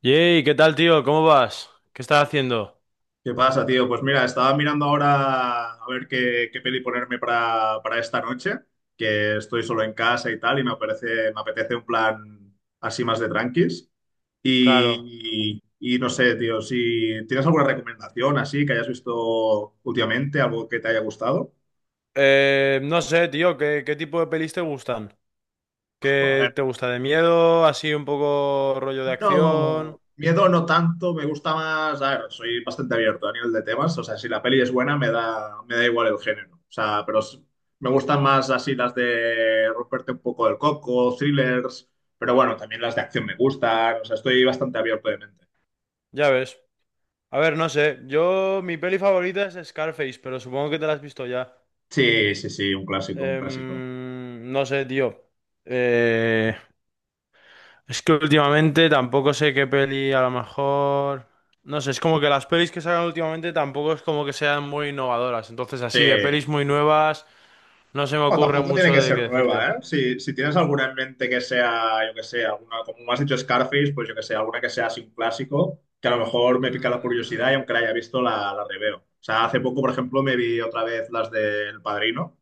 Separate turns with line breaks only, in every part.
Yey, ¿qué tal, tío? ¿Cómo vas? ¿Qué estás haciendo?
¿Qué pasa, tío? Pues mira, estaba mirando ahora a ver qué peli ponerme para esta noche, que estoy solo en casa y tal, y me apetece un plan así más de tranquis.
Claro.
Y, y y no sé, tío, si tienes alguna recomendación así que hayas visto últimamente, algo que te haya gustado.
No sé, tío, ¿qué tipo de pelis te gustan?
A ver.
¿Qué te gusta de miedo? Así un poco rollo de acción.
No, miedo no tanto, me gusta más, a ver, soy bastante abierto a nivel de temas, o sea, si la peli es buena me da igual el género, o sea, pero me gustan más así las de romperte un poco el coco, thrillers, pero bueno, también las de acción me gustan, o sea, estoy bastante abierto de mente.
Ya ves. A ver, no sé. Yo, mi peli favorita es Scarface, pero supongo que te la has visto ya.
Sí, sí, sí, un clásico, un clásico.
No sé, tío. Eh, es que últimamente tampoco sé qué peli, a lo mejor. No sé, es como que las pelis que sacan últimamente tampoco es como que sean muy innovadoras. Entonces,
Sí.
así de pelis muy nuevas. No se me
No,
ocurre
tampoco tiene
mucho
que
de qué
ser
decirte.
nueva, ¿eh? Si tienes alguna en mente que sea, yo que sé, alguna, como me has dicho Scarface, pues yo que sé, alguna que sea así un clásico, que a lo mejor me pica la curiosidad y
Mm,
aunque la haya visto, la reveo. O sea, hace poco, por ejemplo, me vi otra vez las del Padrino,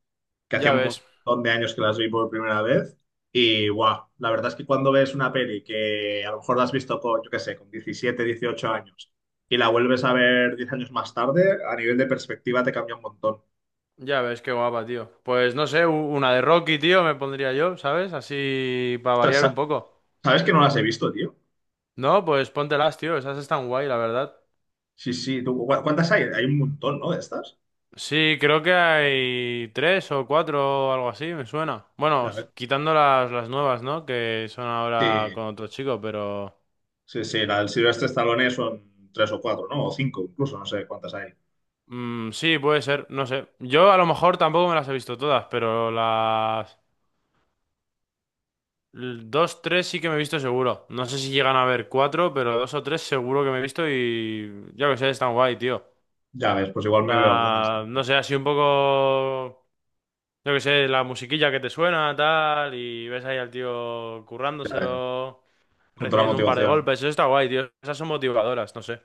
que hacía
ya
un
ves,
montón de años que las vi por primera vez. Y guau, la verdad es que cuando ves una peli que a lo mejor la has visto con, yo que sé, con 17 18 años y la vuelves a ver 10 años más tarde, a nivel de perspectiva te cambia un montón.
ya ves, qué guapa, tío. Pues no sé, una de Rocky, tío, me pondría yo, ¿sabes? Así para
Ostras,
variar un poco.
¿sabes que no las he visto, tío?
No, pues póntelas, tío, esas están guay, la verdad.
Sí, sí. ¿Tú, cuántas hay? Hay un montón, ¿no? De estas.
Sí, creo que hay tres o cuatro o algo así, me suena. Bueno,
Ya ves.
quitando las nuevas, ¿no? Que son ahora
Sí,
con otro chico, pero...
sí, sí. La del Silvestre Stallone son tres o cuatro, ¿no? O cinco incluso, no sé cuántas hay.
Mm, sí, puede ser, no sé. Yo a lo mejor tampoco me las he visto todas, pero las... Dos, tres sí que me he visto seguro. No sé si llegan a haber cuatro, pero dos o tres seguro que me he visto y yo que sé, están guay, tío.
Ya ves, pues igual me veo algunas.
La... No sé, así un poco, yo que sé, la musiquilla que te suena, tal, y ves ahí al tío
Ya ves,
currándoselo,
con toda la
recibiendo un par de
motivación.
golpes, eso está guay, tío. Esas son motivadoras, no sé.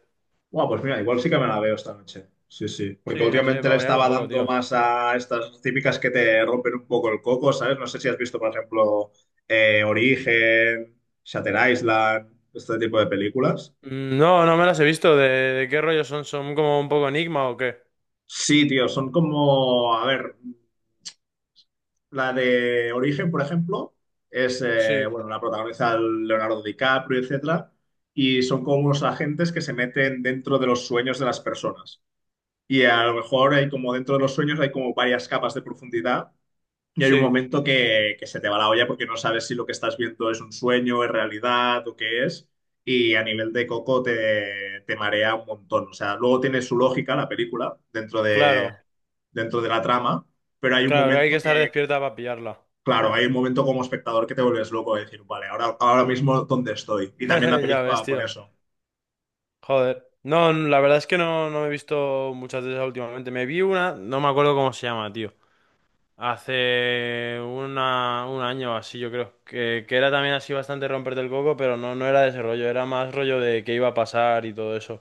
Bueno, pues mira, igual sí que me la veo esta noche. Sí, sí.
Sí,
Porque
no sé,
últimamente
para
le
variar un
estaba
poco,
dando
tío.
más a estas típicas que te rompen un poco el coco, ¿sabes? No sé si has visto, por ejemplo, Origen, Shutter Island, este tipo de películas.
Mm, no, no me las he visto. ¿De qué rollo son? ¿Son como un poco enigma o qué?
Sí, tío, son como, a ver. La de Origen, por ejemplo,
Sí,
bueno, la protagoniza el Leonardo DiCaprio, etcétera, y son como unos agentes que se meten dentro de los sueños de las personas. Y a lo mejor hay como dentro de los sueños hay como varias capas de profundidad y hay un
sí,
momento que se te va la olla porque no sabes si lo que estás viendo es un sueño, es realidad o qué es. Y a nivel de coco te marea un montón. O sea, luego tiene su lógica la película dentro de,
claro.
dentro de la trama, pero hay un
Claro, que hay que
momento
estar
que.
despierta para pillarla.
Claro, hay un momento como espectador que te vuelves loco de decir, vale, ahora mismo dónde estoy. Y también la
Ya ves,
película por
tío.
eso.
Joder. No, la verdad es que no, no me he visto muchas de esas últimamente. Me vi una, no me acuerdo cómo se llama, tío. Hace una, un año o así, yo creo. Que era también así bastante romperte el coco, pero no, no era de ese rollo. Era más rollo de qué iba a pasar y todo eso.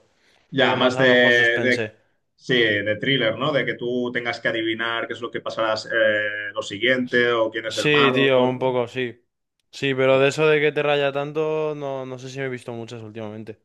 Un
Ya,
poco más
más
a
de,
lo mejor
de-
suspense.
sí, de thriller, ¿no? De que tú tengas que adivinar qué es lo que pasará lo siguiente o quién es el
Sí,
malo,
tío, un
¿no?
poco, sí. Sí, pero de eso de que te raya tanto, no, no sé si me he visto muchas últimamente.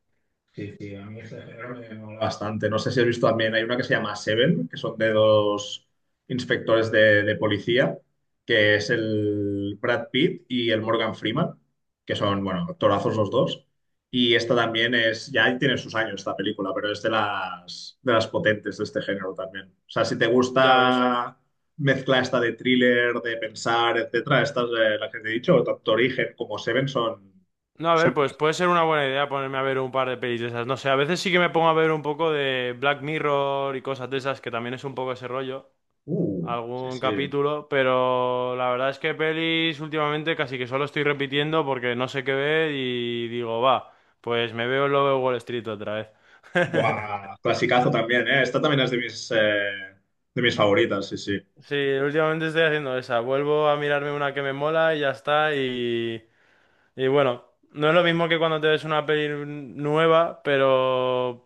Sí, sí, a mí este género me mola bastante. No sé si has visto también, hay una que se llama Seven, que son de dos inspectores de policía, que es el Brad Pitt y el Morgan Freeman, que son, bueno, actorazos los dos. Y esta también ya tiene sus años esta película, pero es de las potentes de este género también. O sea, si te
Ya ves.
gusta mezcla esta de thriller, de pensar, etcétera, estas, las que te he dicho, tanto Origen como Seven son...
No, a ver,
son...
pues puede ser una buena idea ponerme a ver un par de pelis de esas. No sé, a veces sí que me pongo a ver un poco de Black Mirror y cosas de esas, que también es un poco ese rollo,
Sí,
algún
sí.
capítulo, pero la verdad es que pelis últimamente casi que solo estoy repitiendo porque no sé qué ver y digo, va, pues me veo el Lobo de Wall Street otra vez.
Buah, clasicazo también, ¿eh? Esta también es de mis favoritas, sí, sí.
Sí, últimamente estoy haciendo esa. Vuelvo a mirarme una que me mola y ya está. Y bueno, no es lo mismo que cuando te ves una peli nueva, pero,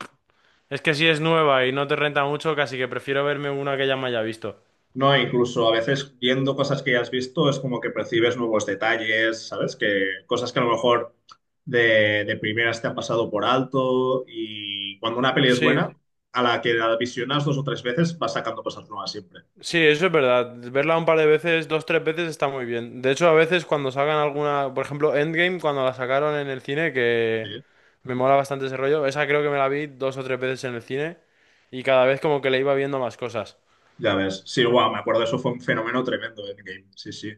es que si es nueva y no te renta mucho, casi que prefiero verme una que ya me haya visto.
No, incluso a veces viendo cosas que ya has visto es como que percibes nuevos detalles, ¿sabes? Que cosas que a lo mejor de primeras te han pasado por alto y cuando una peli es
Sí,
buena, a la que la visionas dos o tres veces vas sacando cosas nuevas siempre.
sí, eso es verdad. Verla un par de veces, dos, tres veces está muy bien. De hecho, a veces cuando salgan alguna, por ejemplo, Endgame, cuando la sacaron en el cine, que
¿Sí?
me mola bastante ese rollo, esa creo que me la vi dos o tres veces en el cine y cada vez como que le iba viendo más cosas.
Ya ves. Sí, guau, me acuerdo, eso fue un fenómeno tremendo en Game, sí, sí.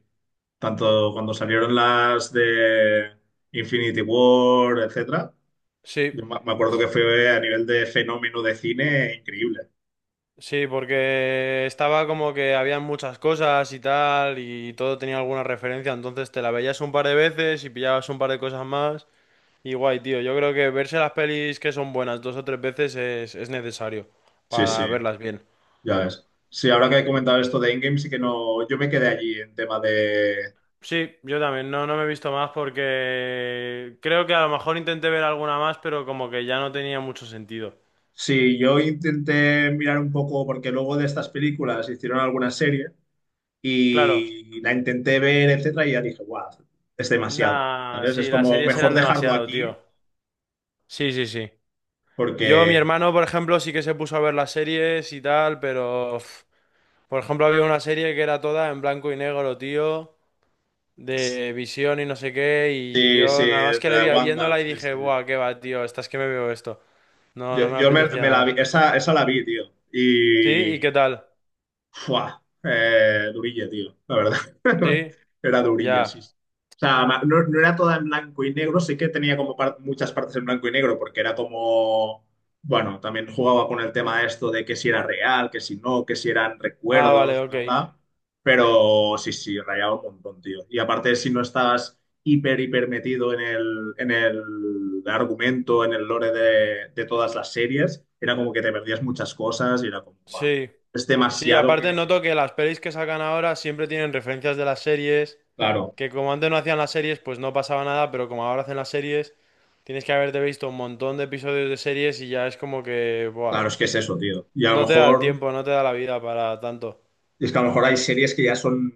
Tanto cuando salieron las de Infinity War, etcétera.
Sí,
Yo me acuerdo que fue a nivel de fenómeno de cine increíble.
sí, porque estaba como que había muchas cosas y tal y todo tenía alguna referencia, entonces te la veías un par de veces y pillabas un par de cosas más. Y guay, tío. Yo creo que verse las pelis que son buenas dos o tres veces es necesario
Sí, sí,
para verlas bien.
ya ves. Sí, ahora que he comentado esto de Endgame, sí que no. Yo me quedé allí en tema de.
Sí, yo también. No, no me he visto más porque creo que a lo mejor intenté ver alguna más, pero como que ya no tenía mucho sentido.
Sí, yo intenté mirar un poco, porque luego de estas películas hicieron alguna serie
Claro.
y la intenté ver, etcétera, y ya dije, guau, es demasiado.
Nah,
¿Sabes? Es
sí, las
como
series
mejor
eran
dejarlo
demasiado,
aquí,
tío. Sí, sí, sí. Yo, mi
porque.
hermano, por ejemplo, sí que se puso a ver las series y tal, pero... Uf, por ejemplo, había una serie que era toda en blanco y negro, tío, de visión y no sé qué, y
Sí, sí,
yo nada más que le
de
vi
Wanda,
viéndola y
sí,
dije,
sí.
buah, qué va, tío, estás que me veo esto. No, no
Yo,
me
yo me,
apetecía
me la vi,
nada.
esa la vi, tío.
¿Sí? ¿Y
Y
qué tal?
fua, durilla, tío, la verdad.
¿Sí?
Era durilla,
Ya.
sí. Sí. O sea, no, no era toda en blanco y negro, sí que tenía como muchas partes en blanco y negro, porque era como, bueno, también jugaba con el tema esto de que si era real, que si no, que si eran
Ah, vale,
recuerdos,
ok.
bla, bla. Pero sí, sí, rayaba un montón, tío. Y aparte, si no estabas hiper, hiper metido en el argumento, en el lore de todas las series, era como que te perdías muchas cosas y era como, "Buah,
Sí.
es
Sí,
demasiado
aparte
que".
noto que las pelis que sacan ahora siempre tienen referencias de las series,
Claro,
que como antes no hacían las series, pues no pasaba nada, pero como ahora hacen las series, tienes que haberte visto un montón de episodios de series y ya es como que, buah,
claro, es que es eso, tío. Y a lo
no te da
mejor,
tiempo, no te da la vida para tanto.
es que a lo mejor hay series que ya son,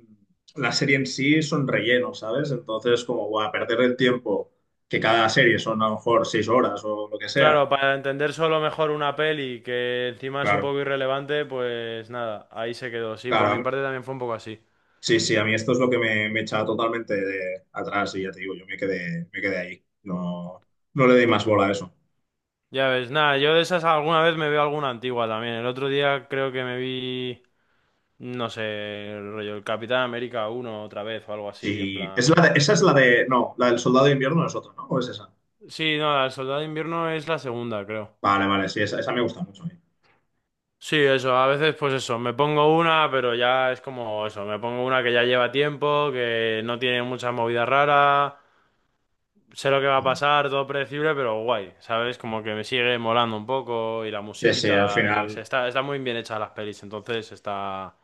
la serie en sí son relleno, ¿sabes? Entonces, como, guau, perder el tiempo, que cada serie son a lo mejor 6 horas o lo que sea.
Claro, para entender solo mejor una peli que encima es un
Claro,
poco irrelevante, pues nada, ahí se quedó. Sí, por mi
claro.
parte también fue un poco así.
Sí, sí, a mí esto es lo que me echaba totalmente de atrás y ya te digo, yo me quedé ahí. No, no le di más bola a eso.
Ya ves, nada, yo de esas alguna vez me veo alguna antigua también. El otro día creo que me vi, no sé, el rollo, el Capitán América uno otra vez o algo así, en
Sí, es
plan...
esa es la de, no, la del Soldado de Invierno es otra, ¿no? ¿O es esa?
Sí, no, el Soldado de Invierno es la segunda, creo.
Vale, vale, sí, esa me gusta mucho a mí.
Sí, eso, a veces pues eso, me pongo una, pero ya es como eso, me pongo una que ya lleva tiempo, que no tiene mucha movida rara. Sé lo que va a pasar, todo predecible, pero guay, ¿sabes? Como que me sigue molando un poco y la
Sí, sí, al
musiquita, yo qué sé,
final,
está muy bien hecha las pelis, entonces está...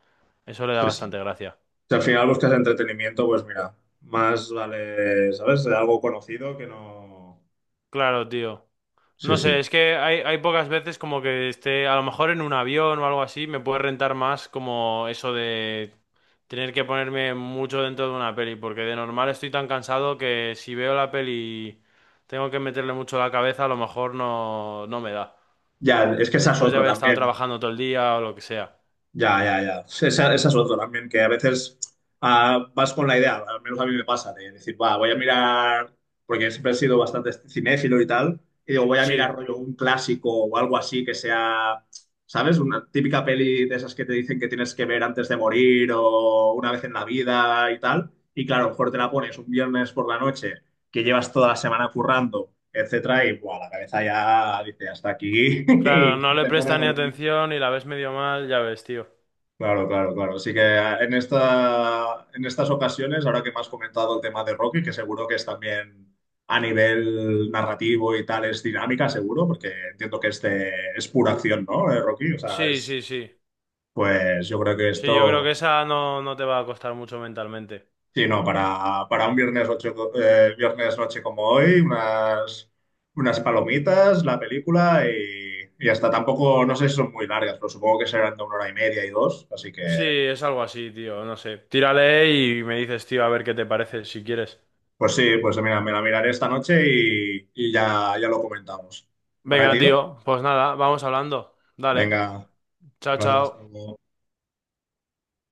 Eso le da
sí, sí.
bastante gracia.
Si al final buscas entretenimiento, pues mira, más vale, ¿sabes? Algo conocido que no.
Claro, tío.
Sí,
No
sí.
sé, es que hay pocas veces como que esté, a lo mejor en un avión o algo así, me puede rentar más como eso de tener que ponerme mucho dentro de una peli, porque de normal estoy tan cansado que si veo la peli y tengo que meterle mucho la cabeza, a lo mejor no, no me da.
Ya, es que esa es
Después de
otra
haber estado
también.
trabajando todo el día o lo que sea.
Ya, ya, ya. Sí, esa es otra también, que a veces vas con la idea, al menos a mí me pasa, de decir, va, voy a mirar, porque siempre he sido bastante cinéfilo y tal, y digo, voy a mirar
Sí,
rollo un clásico o algo así que sea, ¿sabes? Una típica peli de esas que te dicen que tienes que ver antes de morir o una vez en la vida y tal. Y claro, a lo mejor te la pones un viernes por la noche, que llevas toda la semana currando, etcétera, y buah, la cabeza ya dice, hasta aquí,
claro,
y
no
se
le
te pone a
prestas ni
dormir.
atención y la ves medio mal, ya ves, tío.
Claro, claro, claro. Así que en estas ocasiones, ahora que me has comentado el tema de Rocky, que seguro que es también a nivel narrativo y tal, es dinámica, seguro, porque entiendo que este es pura acción, ¿no? Rocky, o sea,
Sí, sí, sí.
pues yo creo que
Sí, yo creo
esto,
que esa no, no te va a costar mucho mentalmente.
sí, no, para un viernes, viernes noche como hoy, unas palomitas, la película y hasta tampoco, no sé si son muy largas, pero supongo que serán de una hora y media y dos, así que.
Sí, es algo así, tío, no sé. Tírale y me dices, tío, a ver qué te parece, si quieres.
Pues sí, pues mira, me la miraré esta noche y ya lo comentamos. ¿Vale,
Venga,
tío?
tío, pues nada, vamos hablando. Dale,
Venga, un
chao,
placer, hasta
chao.
luego.